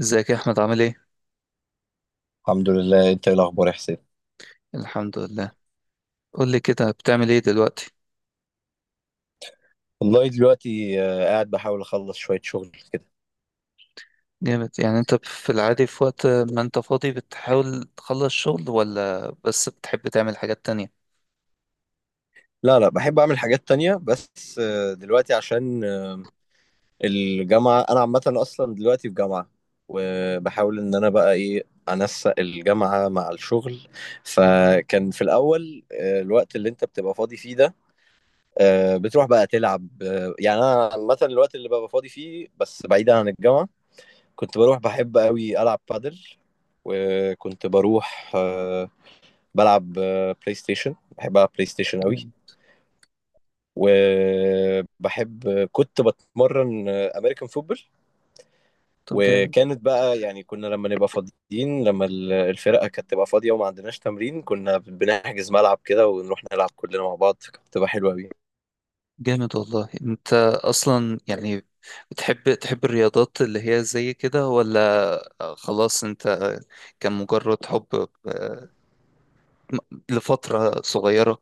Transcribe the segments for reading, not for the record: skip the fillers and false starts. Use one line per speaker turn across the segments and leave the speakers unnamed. ازيك يا احمد؟ عامل ايه؟
الحمد لله. انت ايه الاخبار يا حسين؟
الحمد لله. قول لي كده، بتعمل ايه دلوقتي؟
والله دلوقتي قاعد بحاول اخلص شوية شغل كده.
جامد. يعني انت في العادي، في وقت ما انت فاضي، بتحاول تخلص شغل ولا بس بتحب تعمل حاجات تانية؟
لا، بحب اعمل حاجات تانية، بس دلوقتي عشان الجامعة. انا عامة اصلا دلوقتي في جامعة، وبحاول ان انا بقى ايه، انسق الجامعة مع الشغل. فكان في الاول الوقت اللي انت بتبقى فاضي فيه ده، بتروح بقى تلعب. يعني انا عامة الوقت اللي ببقى فاضي فيه بس بعيدا عن الجامعة، كنت بروح بحب قوي العب بادل، وكنت بروح بلعب بلاي ستيشن. بحب العب بلاي ستيشن قوي.
جامد.
وبحب كنت بتمرن امريكان فوتبول.
طب جامد.
وكانت بقى يعني كنا لما نبقى فاضيين، لما الفرقه كانت تبقى فاضيه وما عندناش تمرين، كنا بنحجز ملعب كده ونروح نلعب كلنا مع بعض. كانت بتبقى حلوه قوي.
جامد والله. انت اصلا يعني بتحب، تحب الرياضات اللي هي زي كده ولا خلاص؟ انت كان مجرد حب، لفترة صغيرة؟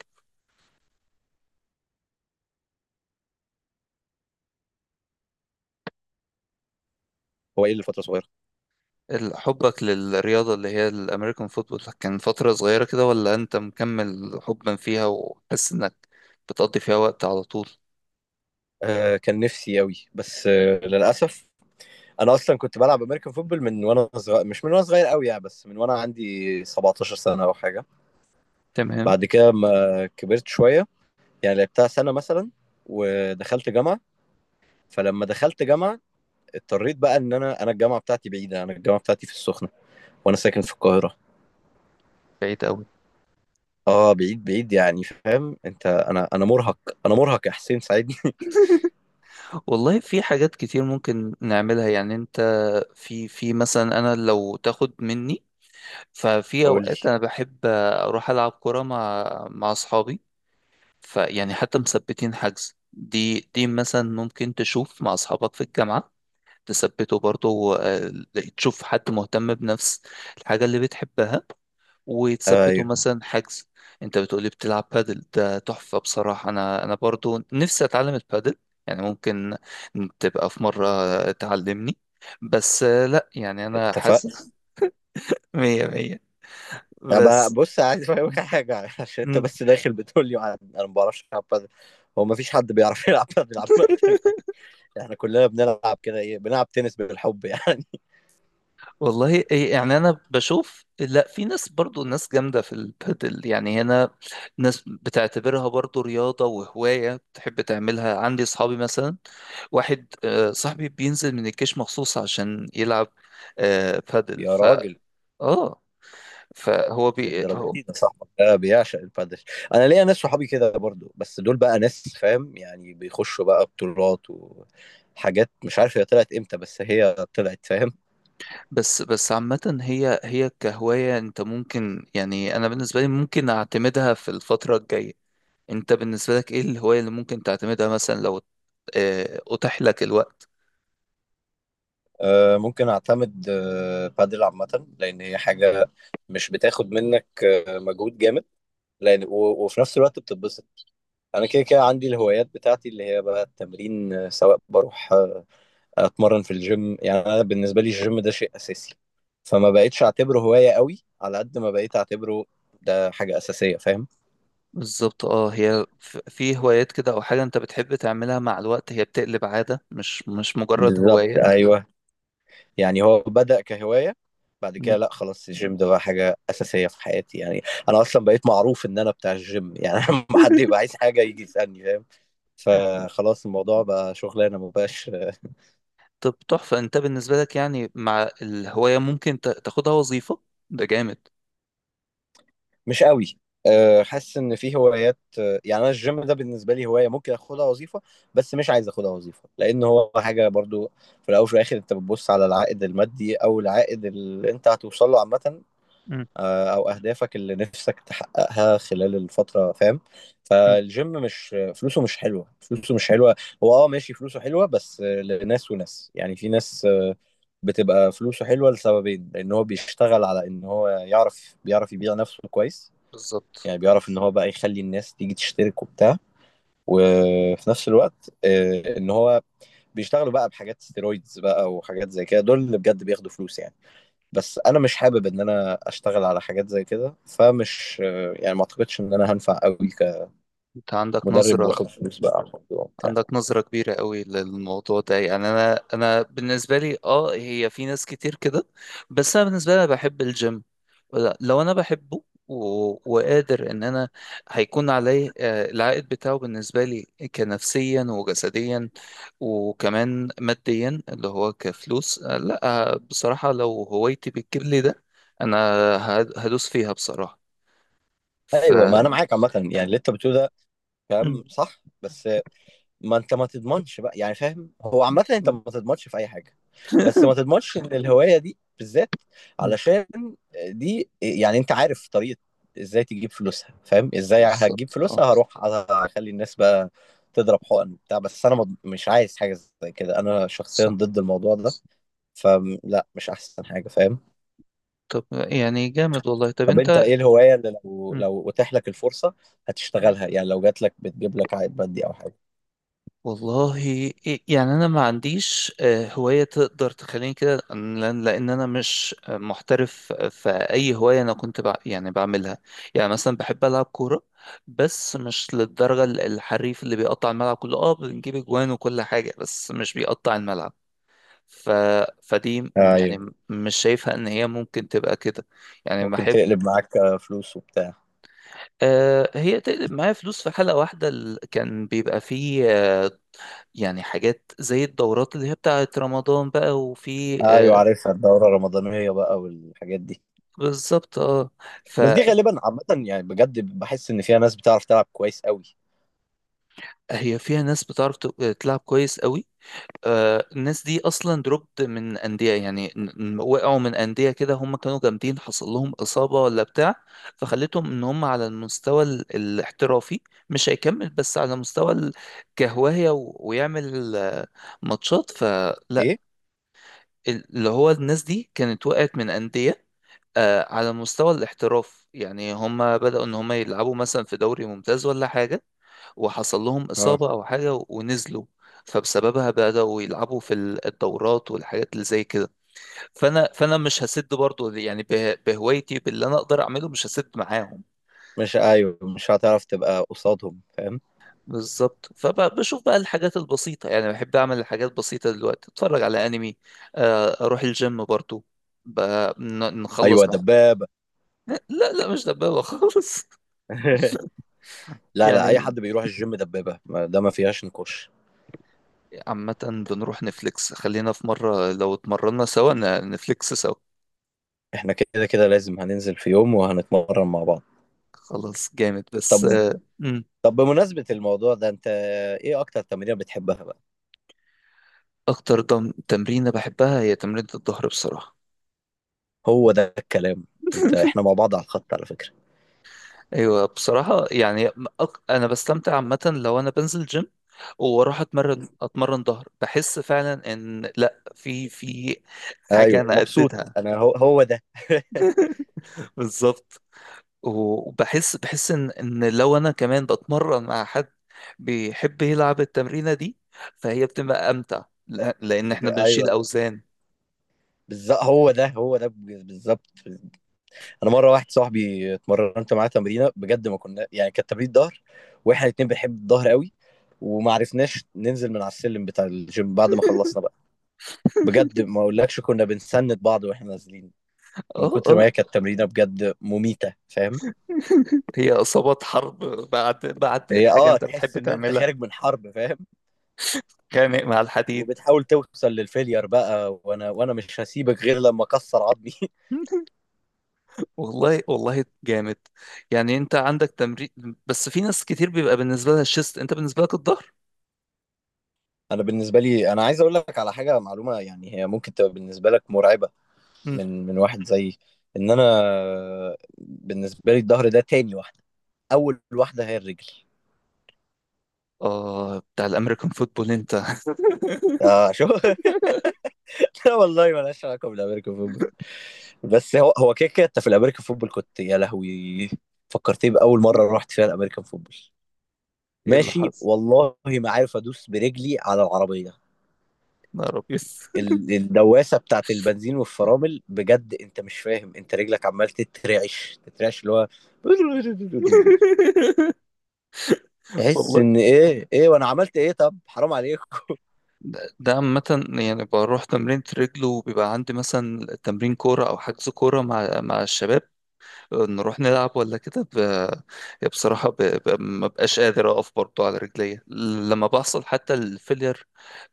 هو ايه لفتره صغيره؟
حبك للرياضة اللي هي الأمريكان فوتبول كان فترة صغيرة كده، ولا أنت مكمل حبا فيها وحاسس إنك بتقضي فيها وقت على طول؟
آه، كان نفسي قوي بس للاسف، انا اصلا كنت بلعب امريكان فوتبول من وانا صغير، مش من وانا صغير قوي يعني، بس من وانا عندي 17 سنه او حاجه.
تمام.
بعد كده ما كبرت شويه، يعني لعبتها سنه مثلا، ودخلت جامعه. فلما دخلت جامعه اضطريت بقى ان انا الجامعه بتاعتي بعيده. انا الجامعه بتاعتي في السخنه، وانا ساكن في القاهره.
بعيد أوي.
اه، بعيد يعني، فاهم انت؟ انا مرهق. انا مرهق يا حسين، ساعدني.
والله في حاجات كتير ممكن نعملها. يعني أنت، في مثلا أنا لو تاخد مني، ففي
قول لي.
أوقات أنا بحب أروح ألعب كورة مع، مع أصحابي. فيعني حتى مثبتين حجز، دي مثلا ممكن تشوف مع أصحابك في الجامعة، تثبته برضه. آه، تشوف حد مهتم بنفس الحاجة اللي بتحبها، وتثبته
ايوه.
مثلا حجز. انت بتقولي بتلعب بادل، ده تحفة بصراحة. انا برضه نفسي اتعلم البادل، يعني ممكن تبقى في مرة تعلمني. بس لا يعني انا
اتفقنا.
حاسس مية مية.
أبقى
بس
بص، عايز افهمك على حاجه، عشان انت
مم.
بس داخل بتقول لي انا ما بعرفش العب بادل. هو ما فيش حد بيعرف يلعب بادل عامه احنا كلنا بنلعب كده ايه، بنلعب تنس بالحب يعني.
والله إيه يعني، انا بشوف، لا في ناس برضو، ناس جامده في البادل يعني هنا. ناس بتعتبرها برضو رياضه وهوايه بتحب تعملها. عندي صحابي مثلا، واحد صاحبي بينزل من الجيش مخصوص عشان يلعب بادل.
يا
ف
راجل،
اه، فهو بي
للدرجه
هو
دي؟ ده صاحبك ده بيعشق البادل. انا ليا ناس صحابي كده برضو، بس دول بقى ناس فاهم يعني، بيخشوا بقى بطولات وحاجات مش عارف هي طلعت امتى، بس هي طلعت، فاهم.
بس عامة هي، هي كهواية انت ممكن، يعني انا بالنسبة لي ممكن اعتمدها في الفترة الجاية. انت بالنسبة لك ايه الهواية اللي ممكن تعتمدها مثلا لو اتاح لك الوقت؟
آه، ممكن اعتمد آه بادل عامه، لان هي حاجه مش بتاخد منك آه مجهود جامد، لان وفي نفس الوقت بتتبسط. انا كده كده عندي الهوايات بتاعتي، اللي هي بقى التمرين. سواء بروح اتمرن في الجيم، يعني انا بالنسبه لي الجيم ده شيء اساسي، فما بقتش اعتبره هوايه قوي على قد ما بقيت اعتبره ده حاجه اساسيه، فاهم.
بالظبط اه. هي في هوايات كده، او حاجة انت بتحب تعملها مع الوقت، هي بتقلب عادة، مش مجرد
بالظبط،
هواية.
ايوه. يعني هو بدأ كهوايه، بعد كده
مم.
لا خلاص الجيم ده بقى حاجه اساسيه في حياتي يعني. انا اصلا بقيت معروف ان انا بتاع الجيم يعني لما حد يبقى عايز حاجه يجي يسالني، فاهم. فخلاص الموضوع بقى شغلانه ما بقاش.
طب تحفة. انت بالنسبة لك يعني، مع الهواية، ممكن تاخدها وظيفة، ده جامد.
مش قوي. أه، حاسس ان في هوايات أه، يعني انا الجيم ده بالنسبه لي هوايه ممكن اخدها وظيفه، بس مش عايز اخدها وظيفه لان هو حاجه برضو. في الاول وفي الاخر انت بتبص على العائد المادي او العائد اللي انت هتوصل له عامه.
مم.
أه، او اهدافك اللي نفسك تحققها خلال الفتره، فاهم.
مم.
فالجيم مش فلوسه مش حلوه، فلوسه مش حلوه. هو اه ماشي فلوسه حلوه، بس لناس وناس يعني. في ناس أه، بتبقى فلوسه حلوه لسببين، لان هو بيشتغل على ان هو يعرف بيعرف يبيع نفسه كويس،
بالظبط.
يعني بيعرف ان هو بقى يخلي الناس تيجي تشترك وبتاع. وفي نفس الوقت ان هو بيشتغلوا بقى بحاجات ستيرويدز بقى وحاجات زي كده، دول اللي بجد بياخدوا فلوس يعني. بس انا مش حابب ان انا اشتغل على حاجات زي كده، فمش يعني ما اعتقدش ان انا هنفع قوي
انت عندك
كمدرب
نظرة،
واخد فلوس بقى على الموضوع وبتاع.
عندك نظرة كبيرة قوي للموضوع ده. يعني أنا بالنسبة لي أه، هي في ناس كتير كده، بس أنا بالنسبة لي أنا بحب الجيم. لو أنا بحبه، وقادر إن أنا هيكون عليه العائد بتاعه بالنسبة لي كنفسيا وجسديا، وكمان ماديا اللي هو كفلوس، لا. بصراحة لو هوايتي بتجيب لي ده، أنا هدوس فيها بصراحة. ف،
ايوه، ما انا معاك عامه، يعني اللي انت بتقوله ده
م-
كلام صح، بس ما انت ما تضمنش بقى، يعني فاهم، هو عامة انت
م-
ما تضمنش في اي حاجة. بس ما تضمنش ان الهواية دي بالذات،
م-
علشان دي يعني، انت عارف طريقة ازاي تجيب فلوسها، فاهم، ازاي هتجيب
بالظبط أه.
فلوسها؟ هروح اخلي الناس بقى تضرب حقن وبتاع، بس انا مش عايز حاجة زي كده. انا شخصيا ضد الموضوع ده، فلا، مش احسن حاجة، فاهم.
طب يعني جامد والله. طب
طب
انت،
انت ايه الهواية اللي لو
مم.
لو اتاح لك الفرصة هتشتغلها يعني، لو جات لك بتجيب لك عائد مادي او حاجة؟
والله، يعني انا ما عنديش هواية تقدر تخليني كده، لان لأن انا مش محترف في اي هواية انا كنت بع، يعني بعملها. يعني مثلا بحب العب كورة، بس مش للدرجة الحريف اللي بيقطع الملعب كله. اه بنجيب اجوان وكل حاجة، بس مش بيقطع الملعب. ف... فدي يعني
ايوه
مش شايفها ان هي ممكن تبقى كده. يعني
ممكن
بحب،
تقلب معاك فلوس وبتاع.
هي تقلب معايا فلوس. في حلقة واحدة كان بيبقى فيه يعني حاجات زي الدورات اللي هي بتاعت رمضان بقى، وفي
ايوه
آه،
عارفها، الدوره الرمضانيه بقى والحاجات دي.
بالظبط اه.
بس دي
فهي،
غالبا عامه يعني، بجد بحس ان فيها ناس بتعرف تلعب كويس قوي.
فيها ناس بتعرف تلعب كويس قوي. آه الناس دي اصلا دروبت من انديه، يعني وقعوا من انديه كده. هم كانوا جامدين، حصل لهم اصابه ولا بتاع، فخلتهم ان هم على المستوى الاحترافي مش هيكمل، بس على مستوى كهوايه ويعمل ماتشات. فلا
ايه.
اللي هو الناس دي كانت وقعت من انديه، آه على مستوى الاحتراف. يعني هم بدأوا ان هم يلعبوا مثلا في دوري ممتاز ولا حاجة، وحصل لهم
اه.
إصابة او حاجة ونزلوا، فبسببها بدأوا يلعبوا في الدورات والحاجات اللي زي كده. فانا مش هسد برضو، يعني بهوايتي باللي انا اقدر اعمله مش هسد معاهم.
مش، ايوه مش هتعرف تبقى قصادهم، فاهم.
بالظبط. فبشوف بقى الحاجات البسيطة، يعني بحب اعمل الحاجات بسيطة دلوقتي، اتفرج على انمي، آه اروح الجيم برضو، ب- نخلص
ايوه،
مع.
دبابه.
لا لا مش دبابة خالص.
لا لا، اي
يعني
حد بيروح الجيم دبابه، ده ما فيهاش نقاش.
عامة بنروح نفليكس. خلينا في مرة، لو اتمرنا سوا نفليكس سوا.
احنا كده كده لازم هننزل في يوم وهنتمرن مع بعض.
خلاص جامد. بس
طب،
مم.
طب بمناسبة الموضوع ده، انت ايه اكتر تمرين بتحبها بقى؟
أكتر تمرينة بحبها هي تمرينة الظهر بصراحة.
هو ده الكلام. انت احنا مع بعض على الخط على فكرة.
أيوة بصراحة يعني. أنا بستمتع عامة لو أنا بنزل جيم، واروح اتمرن ظهر، بحس فعلا ان لا، في في حاجه
ايوه
انا
مبسوط
اديتها.
انا، هو ده
بالظبط. وبحس ان، ان لو انا كمان بتمرن مع حد بيحب يلعب التمرينة دي، فهي بتبقى امتع، لان احنا بنشيل
ايوه
اوزان.
بالظبط، هو ده بالظبط. انا مره واحد صاحبي اتمرنت معاه تمرينه بجد، ما كنا يعني كانت تمرين ظهر، واحنا الاتنين بنحب الظهر قوي، وما عرفناش ننزل من على السلم بتاع الجيم بعد ما خلصنا بقى. بجد ما اقولكش كنا بنسند بعض واحنا نازلين، من
اه
كتر ما
اه.
هي كانت تمرينه بجد مميته، فاهم.
هي اصابات حرب. بعد
هي
حاجة
اه،
انت
تحس
بتحب
ان انت
تعملها.
خارج من حرب، فاهم.
خانق مع الحديد.
وبتحاول توصل للفيلير بقى، وانا مش هسيبك غير لما اكسر عظمي
والله والله جامد. يعني انت عندك تمرين، بس في ناس كتير بيبقى بالنسبة لها الشيست، انت بالنسبة لك الظهر.
انا بالنسبه لي، انا عايز اقول لك على حاجه معلومه يعني، هي ممكن تبقى بالنسبه لك مرعبه
مم.
من واحد زيي، ان انا بالنسبه لي الظهر ده تاني واحده، اول واحده هي الرجل.
اه بتاع الامريكان فوتبول انت.
اه شو. لا والله مالهاش علاقه بالامريكان فوتبول، بس هو هو كده كده انت في الامريكان فوتبول كنت يا لهوي. فكرتني باول مره رحت فيها الامريكان فوتبول،
ايه اللي
ماشي
حصل؟
والله ما عارف ادوس برجلي على العربيه.
يا رب.
الدواسه بتاعت البنزين والفرامل، بجد انت مش فاهم، انت رجلك عمال تترعش اللي هو تحس
والله
ان ايه، ايه وانا عملت ايه، طب حرام عليكم.
ده، ده عامة، يعني بروح تمرين رجل، وبيبقى عندي مثلا تمرين كورة أو حجز كورة مع، مع الشباب، نروح نلعب ولا كده. بصراحة، ما بقاش قادر أقف برضو على رجليا لما بحصل حتى الفيلير،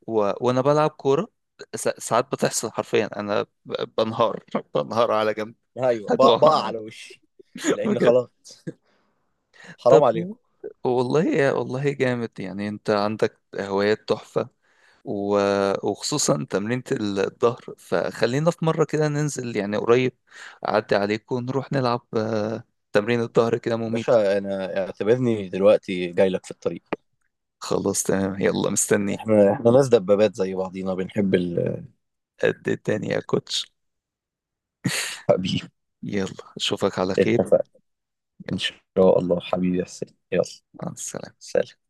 وأنا بلعب كورة. ساعات بتحصل حرفيا أنا بنهار بنهار على جنب.
ايوه، بقع
هتوقع.
على وشي، لان
بجد.
خلاص، حرام
طب.
عليكم.
والله والله جامد، يعني أنت عندك هوايات تحفة، وخصوصا تمرينة الظهر. فخلينا في مرة كده ننزل، يعني قريب، أعدي عليك ونروح نلعب تمرين الظهر كده مميت.
باشا، انا اعتبرني دلوقتي جاي لك في الطريق.
خلاص تمام، يلا مستنيك.
احنا ناس دبابات زي بعضينا، بنحب الحبيب.
قد الدنيا يا كوتش. يلا أشوفك على خير.
اتفقنا. ان
يلا
شاء الله، حبيبي يا حسين، يلا.
مع السلامة.
سلام.